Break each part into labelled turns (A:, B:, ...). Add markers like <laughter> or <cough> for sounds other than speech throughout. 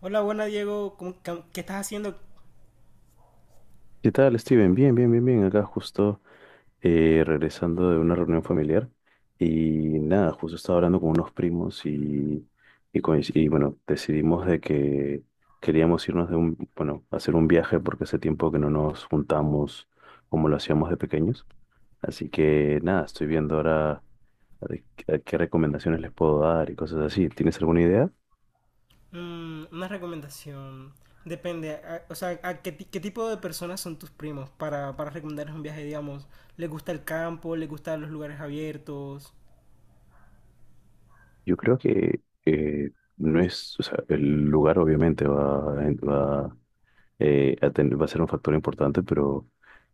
A: Hola, buena Diego, ¿qué estás haciendo?
B: ¿Qué tal, Steven? Bien, bien, bien, bien. Acá justo regresando de una reunión familiar y nada, justo estaba hablando con unos primos y, bueno, decidimos de que queríamos irnos bueno, hacer un viaje porque hace tiempo que no nos juntamos como lo hacíamos de pequeños. Así que nada, estoy viendo ahora de qué recomendaciones les puedo dar y cosas así. ¿Tienes alguna idea?
A: Mm, una recomendación. Depende, o sea, a ¿qué tipo de personas son tus primos para recomendarles un viaje, digamos? ¿Les gusta el campo? ¿Les gustan los lugares abiertos?
B: Yo creo que no es, o sea, el lugar obviamente va a ser un factor importante, pero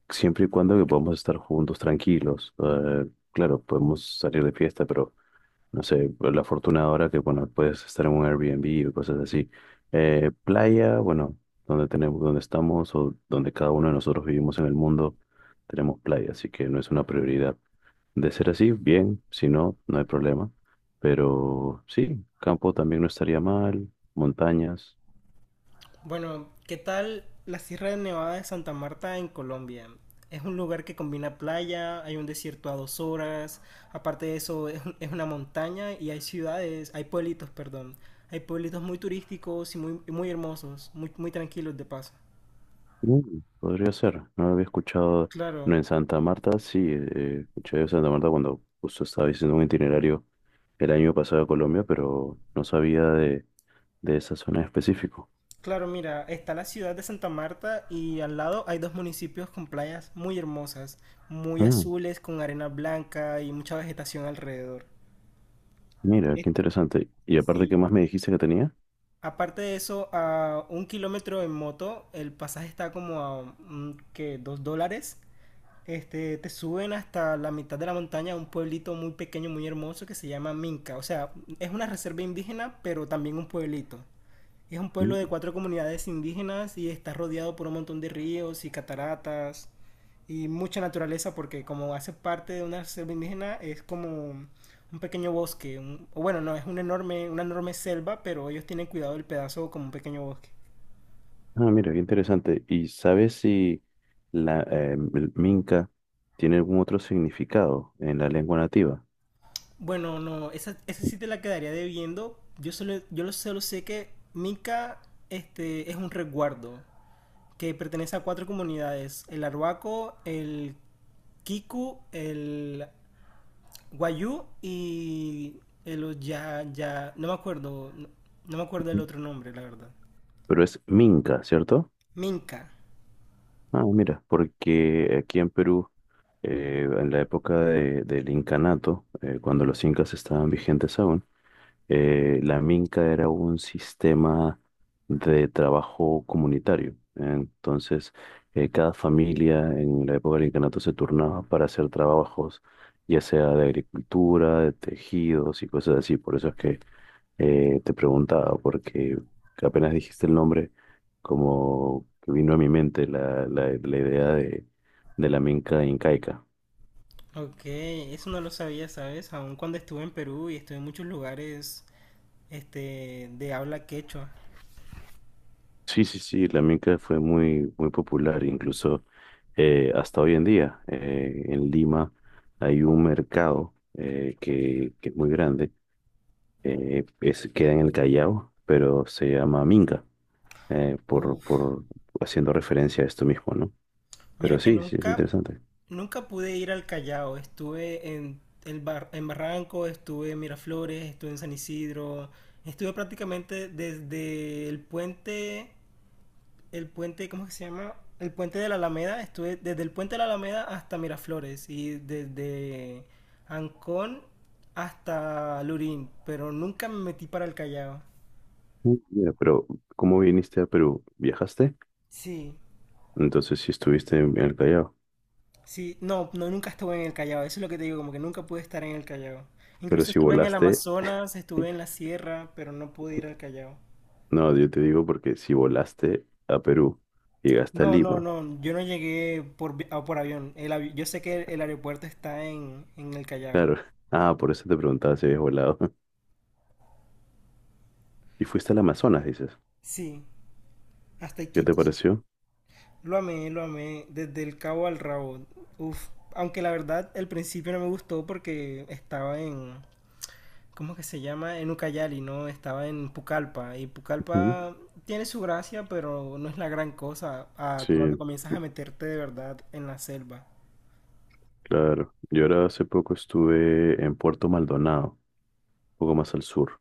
B: siempre y cuando que podamos estar juntos, tranquilos. Claro, podemos salir de fiesta, pero no sé, pues, la fortuna ahora que, bueno, puedes estar en un Airbnb o cosas así. Playa, bueno, donde tenemos, donde estamos o donde cada uno de nosotros vivimos en el mundo, tenemos playa, así que no es una prioridad. De ser así, bien, si no, no hay problema. Pero sí, campo también no estaría mal, montañas.
A: Bueno, ¿qué tal la Sierra de Nevada de Santa Marta en Colombia? Es un lugar que combina playa, hay un desierto a 2 horas. Aparte de eso es una montaña y hay ciudades, hay pueblitos, perdón, hay pueblitos muy turísticos y muy, muy hermosos, muy, muy tranquilos de paso.
B: Mm, podría ser, no lo había escuchado. Bueno,
A: Claro,
B: en Santa Marta, sí, escuché de Santa Marta cuando justo estaba haciendo un itinerario el año pasado a Colombia, pero no sabía de esa zona en específico.
A: claro, mira, está la ciudad de Santa Marta y al lado hay dos municipios con playas muy hermosas, muy
B: Ah,
A: azules, con arena blanca y mucha vegetación alrededor.
B: mira,
A: Es-
B: qué interesante. Y aparte, ¿qué
A: sí,
B: más me dijiste que tenía?
A: aparte de eso, a 1 kilómetro en moto, el pasaje está como a, que $2. Este, te suben hasta la mitad de la montaña a un pueblito muy pequeño, muy hermoso que se llama Minca. O sea, es una reserva indígena, pero también un pueblito. Es un pueblo de
B: Mm.
A: cuatro comunidades indígenas y está rodeado por un montón de ríos y cataratas y mucha naturaleza porque como hace parte de una selva indígena es como un pequeño bosque, o bueno, no, es un enorme, una enorme selva, pero ellos tienen cuidado del pedazo como un pequeño bosque.
B: Ah, mira, qué interesante. ¿Y sabes si la el minca tiene algún otro significado en la lengua nativa?
A: Bueno, no, esa sí te la quedaría debiendo. Yo solo, solo sé que Mica, este, es un resguardo que pertenece a cuatro comunidades: el Arhuaco, el Kiku, el Guayú y el ya, ya, no me acuerdo, no, no me acuerdo el
B: Ujú.
A: otro nombre, la verdad.
B: Pero es minca, ¿cierto?
A: Minca.
B: Ah, mira, porque aquí en Perú en la época del incanato, cuando los incas estaban vigentes aún, la minca era un sistema de trabajo comunitario. Entonces, cada familia en la época del incanato se turnaba para hacer trabajos, ya sea de agricultura, de tejidos y cosas así. Por eso es que te preguntaba, porque apenas dijiste el nombre, como que vino a mi mente la idea de la minca incaica.
A: Ok, eso no lo sabía, ¿sabes? Aún cuando estuve en Perú y estuve en muchos lugares, este, de habla quechua.
B: Sí, sí, sí, la minca fue muy, muy popular, incluso hasta hoy en día. En Lima hay un mercado que es muy grande, queda en el Callao, pero se llama minca,
A: Uf,
B: por haciendo referencia a esto mismo, ¿no?
A: mira
B: Pero
A: que
B: sí, sí, es
A: nunca,
B: interesante.
A: nunca pude ir al Callao. Estuve en, en Barranco, estuve en Miraflores, estuve en San Isidro. Estuve prácticamente desde el puente, ¿cómo que se llama? El puente de la Alameda. Estuve desde el puente de la Alameda hasta Miraflores y desde Ancón hasta Lurín, pero nunca me metí para el Callao.
B: Mm. Mira, pero ¿cómo viniste a Perú? ¿Viajaste?
A: Sí,
B: Entonces sí estuviste en el Callao,
A: sí. No, no, nunca estuve en el Callao, eso es lo que te digo, como que nunca pude estar en el Callao.
B: pero
A: Incluso
B: si
A: estuve en el
B: volaste,
A: Amazonas, estuve en la sierra, pero no pude ir al Callao.
B: no, yo te digo porque si volaste a Perú, llegaste a
A: No, no,
B: Lima.
A: no, yo no llegué por, por avión. Yo sé que el aeropuerto está en el Callao.
B: Claro. Ah, por eso te preguntaba si habías volado. <laughs> Y fuiste al Amazonas, dices.
A: Sí, hasta
B: ¿Qué te
A: Iquitos.
B: pareció?
A: Lo amé, desde el cabo al rabo. Uf, aunque la verdad el principio no me gustó porque estaba en, ¿cómo que se llama? En Ucayali, ¿no? Estaba en Pucallpa. Y
B: Ujú.
A: Pucallpa tiene su gracia, pero no es la gran cosa a cuando
B: Sí,
A: comienzas a meterte de verdad en la selva.
B: claro. Yo ahora hace poco estuve en Puerto Maldonado, un poco más al sur.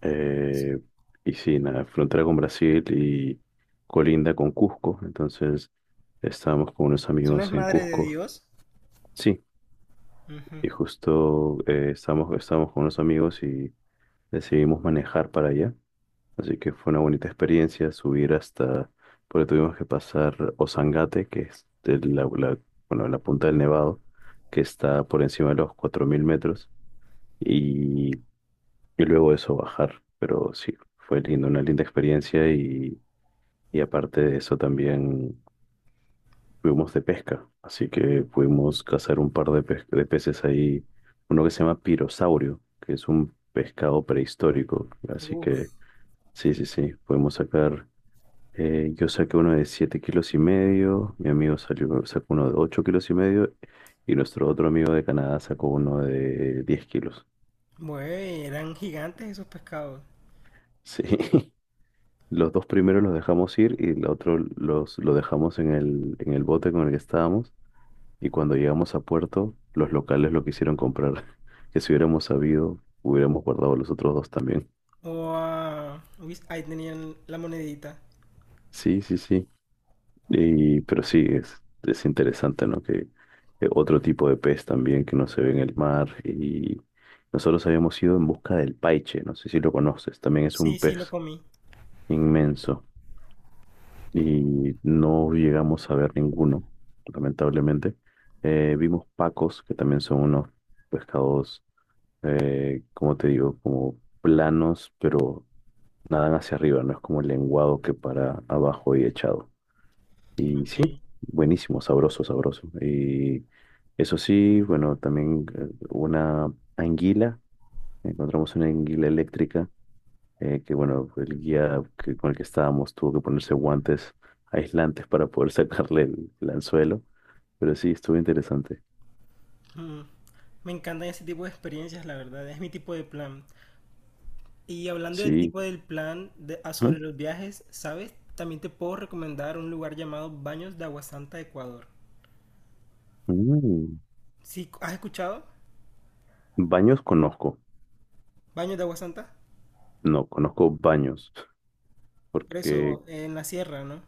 B: Eh, y sí, nada, frontera con Brasil y colinda con Cusco. Entonces estábamos con unos
A: ¿Eso no es
B: amigos en
A: madre de
B: Cusco.
A: Dios?
B: Sí,
A: Ujú.
B: y justo estábamos con unos amigos y decidimos manejar para allá. Así que fue una bonita experiencia subir hasta, porque tuvimos que pasar Ozangate, que es bueno, la punta del Nevado, que está por encima de los 4.000 metros, y, y luego eso bajar. Pero sí, fue lindo, una linda experiencia y aparte de eso también fuimos de pesca, así que pudimos cazar un par de peces ahí, uno que se llama pirosaurio, que es un pescado prehistórico, así que...
A: Uf,
B: Sí, sí, sí, podemos sacar. Yo saqué uno de 7 kilos y medio, mi amigo salió, sacó uno de 8 kilos y medio y nuestro otro amigo de Canadá sacó uno de 10 kilos.
A: güey, eran gigantes esos pescados.
B: Sí. <laughs> Los dos primeros los dejamos ir y el otro lo dejamos en en el bote con el que estábamos y cuando llegamos a puerto, los locales lo quisieron comprar. <laughs> Que si hubiéramos sabido, hubiéramos guardado los otros dos también.
A: O a... uy, ahí tenían la monedita.
B: Sí, sí, sí. Pero sí, es interesante, ¿no? Que otro tipo de pez también que no se ve en el mar. Y nosotros habíamos ido en busca del paiche, no sé si lo conoces, también es un
A: Sí, sí, lo
B: pez
A: comí.
B: inmenso. Y no llegamos a ver ninguno, lamentablemente. Vimos pacos, que también son unos pescados, como te digo, como planos, pero nadan hacia arriba, no es como el lenguado que para abajo y echado. Y
A: Ok.
B: sí, buenísimo, sabroso, sabroso. Y eso sí, bueno, también encontramos una anguila eléctrica, que bueno, el guía con el que estábamos tuvo que ponerse guantes aislantes para poder <laughs> sacarle el anzuelo, pero sí, estuvo interesante.
A: Mm, me encantan ese tipo de experiencias, la verdad, es mi tipo de plan. Y hablando del
B: Sí.
A: tipo del plan sobre
B: Ujú.
A: los viajes, ¿sabes? También te puedo recomendar un lugar llamado Baños de Agua Santa, Ecuador.
B: Mm.
A: ¿Sí? ¿Has escuchado?
B: Baños conozco,
A: Baños de Agua Santa.
B: no, conozco baños,
A: Por
B: porque
A: eso, en la sierra, ¿no?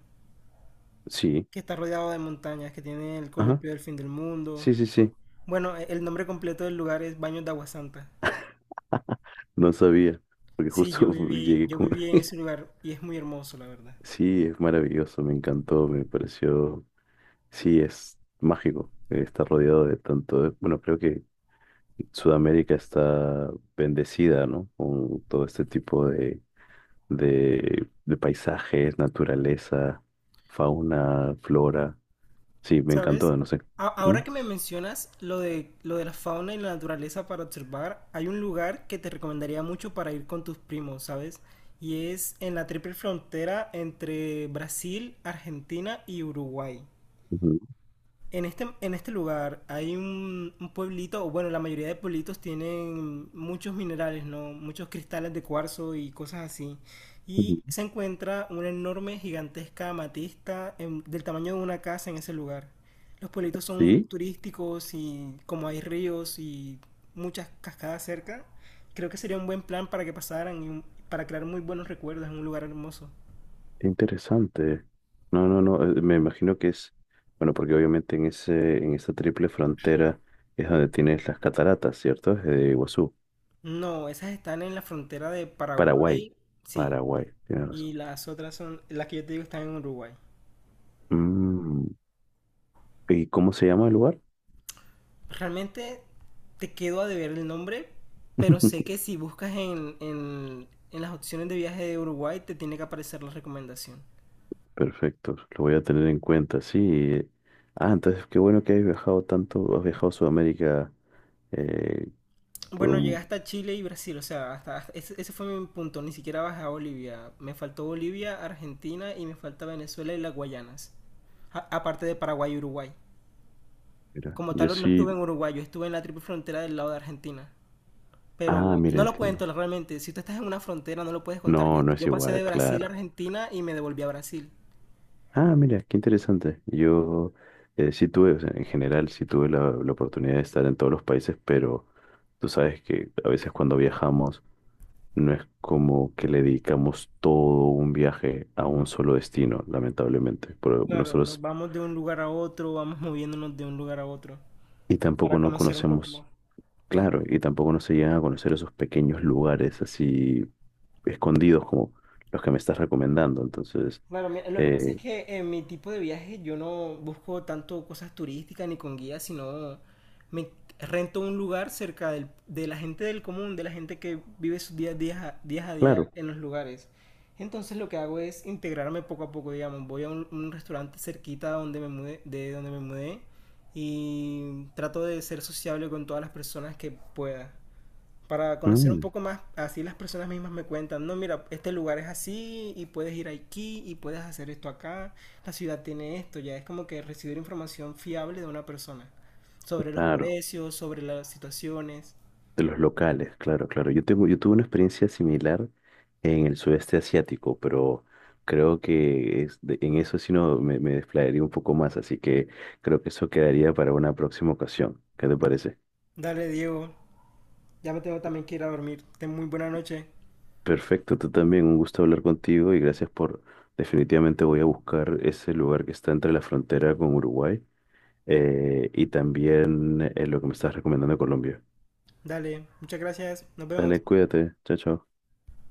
B: sí,
A: Que está rodeado de montañas, que tiene el
B: ajá,
A: columpio del fin del mundo.
B: sí, sí, sí,
A: Bueno, el nombre completo del lugar es Baños de Agua Santa.
B: no sabía, porque
A: Sí, yo
B: justo <laughs>
A: viví,
B: llegué
A: yo
B: con...
A: viví en ese lugar y es muy hermoso, la verdad.
B: Sí, es maravilloso, me encantó, me pareció, sí, es mágico, está rodeado de tanto, bueno, creo que Sudamérica está bendecida, ¿no? Con todo este tipo de paisajes, naturaleza, fauna, flora, sí, me
A: ¿Sabes?
B: encantó, no sé. ¿Mm?
A: Ahora que me mencionas lo de la fauna y la naturaleza para observar, hay un lugar que te recomendaría mucho para ir con tus primos, ¿sabes? Y es en la triple frontera entre Brasil, Argentina y Uruguay.
B: Ujú,
A: En este lugar hay un pueblito, o bueno, la mayoría de pueblitos tienen muchos minerales, ¿no? Muchos cristales de cuarzo y cosas así. Y
B: ujú.
A: se encuentra una enorme, gigantesca amatista del tamaño de una casa en ese lugar. Los pueblitos son
B: Sí,
A: turísticos y como hay ríos y muchas cascadas cerca, creo que sería un buen plan para que pasaran y para crear muy buenos recuerdos en un lugar hermoso.
B: qué interesante. No, no, no, me imagino que es, bueno, porque obviamente en esa triple frontera es donde tienes las cataratas, ¿cierto? Es de Iguazú.
A: No, esas están en la frontera de
B: Paraguay,
A: Paraguay. Sí.
B: Paraguay, tienes razón.
A: Y las otras son, las que yo te digo, están en Uruguay.
B: Mm, ¿y cómo se llama el lugar?
A: Realmente te quedo a deber el nombre, pero sé que
B: <laughs>
A: si buscas en, en las opciones de viaje de Uruguay te tiene que aparecer la recomendación.
B: Perfecto, lo voy a tener en cuenta, sí. Ah, entonces qué bueno que hayas viajado tanto, has viajado a Sudamérica eh, por
A: Bueno, llegué
B: un...
A: hasta Chile y Brasil, o sea, ese fue mi punto, ni siquiera bajé a Bolivia. Me faltó Bolivia, Argentina y me falta Venezuela y las Guayanas. Aparte de Paraguay y Uruguay.
B: Mira,
A: Como
B: yo
A: tal, no estuve
B: sí...
A: en Uruguay, yo estuve en la triple frontera del lado de Argentina. Pero
B: Ah, mira,
A: no lo cuento
B: entiendo.
A: realmente. Si tú estás en una frontera, no lo puedes contar. Yo,
B: No, no es
A: yo pasé de
B: igual,
A: Brasil a
B: claro.
A: Argentina y me devolví a Brasil.
B: Ah, mira, qué interesante. Yo sí tuve, o sea, en general, sí tuve la oportunidad de estar en todos los países, pero tú sabes que a veces cuando viajamos. No es como que le dedicamos todo un viaje a un solo destino, lamentablemente. Pero
A: Claro, nos
B: nosotros,
A: vamos de un lugar a otro, vamos moviéndonos de un lugar a otro
B: y
A: para
B: tampoco no
A: conocer un poco más.
B: conocemos, claro, y tampoco no se llegan a conocer esos pequeños lugares así escondidos como los que me estás recomendando. Entonces,
A: Claro, mira, lo que pasa es
B: eh,
A: que en mi tipo de viaje yo no busco tanto cosas turísticas ni con guías, sino me rento un lugar cerca de la gente del común, de la gente que vive sus días a día
B: claro,
A: en los lugares. Entonces lo que hago es integrarme poco a poco, digamos, voy a un restaurante cerquita de donde me mudé y trato de ser sociable con todas las personas que pueda para conocer un
B: mm,
A: poco más, así las personas mismas me cuentan: no, mira, este lugar es así y puedes ir aquí y puedes hacer esto acá, la ciudad tiene esto. Ya es como que recibir información fiable de una persona sobre los
B: claro.
A: precios, sobre las situaciones.
B: De los locales, claro, claro. Yo tuve una experiencia similar en el sudeste asiático, pero creo que en eso sí no me desplayaría un poco más, así que creo que eso quedaría para una próxima ocasión. ¿Qué te parece?
A: Dale, Diego, ya me tengo también que ir a dormir. Ten muy buena noche.
B: Perfecto, tú también, un gusto hablar contigo y gracias por, definitivamente voy a buscar ese lugar que está entre la frontera con Uruguay y también lo que me estás recomendando de Colombia.
A: Dale, muchas gracias, nos vemos.
B: Dale, cuídate, chao, chao.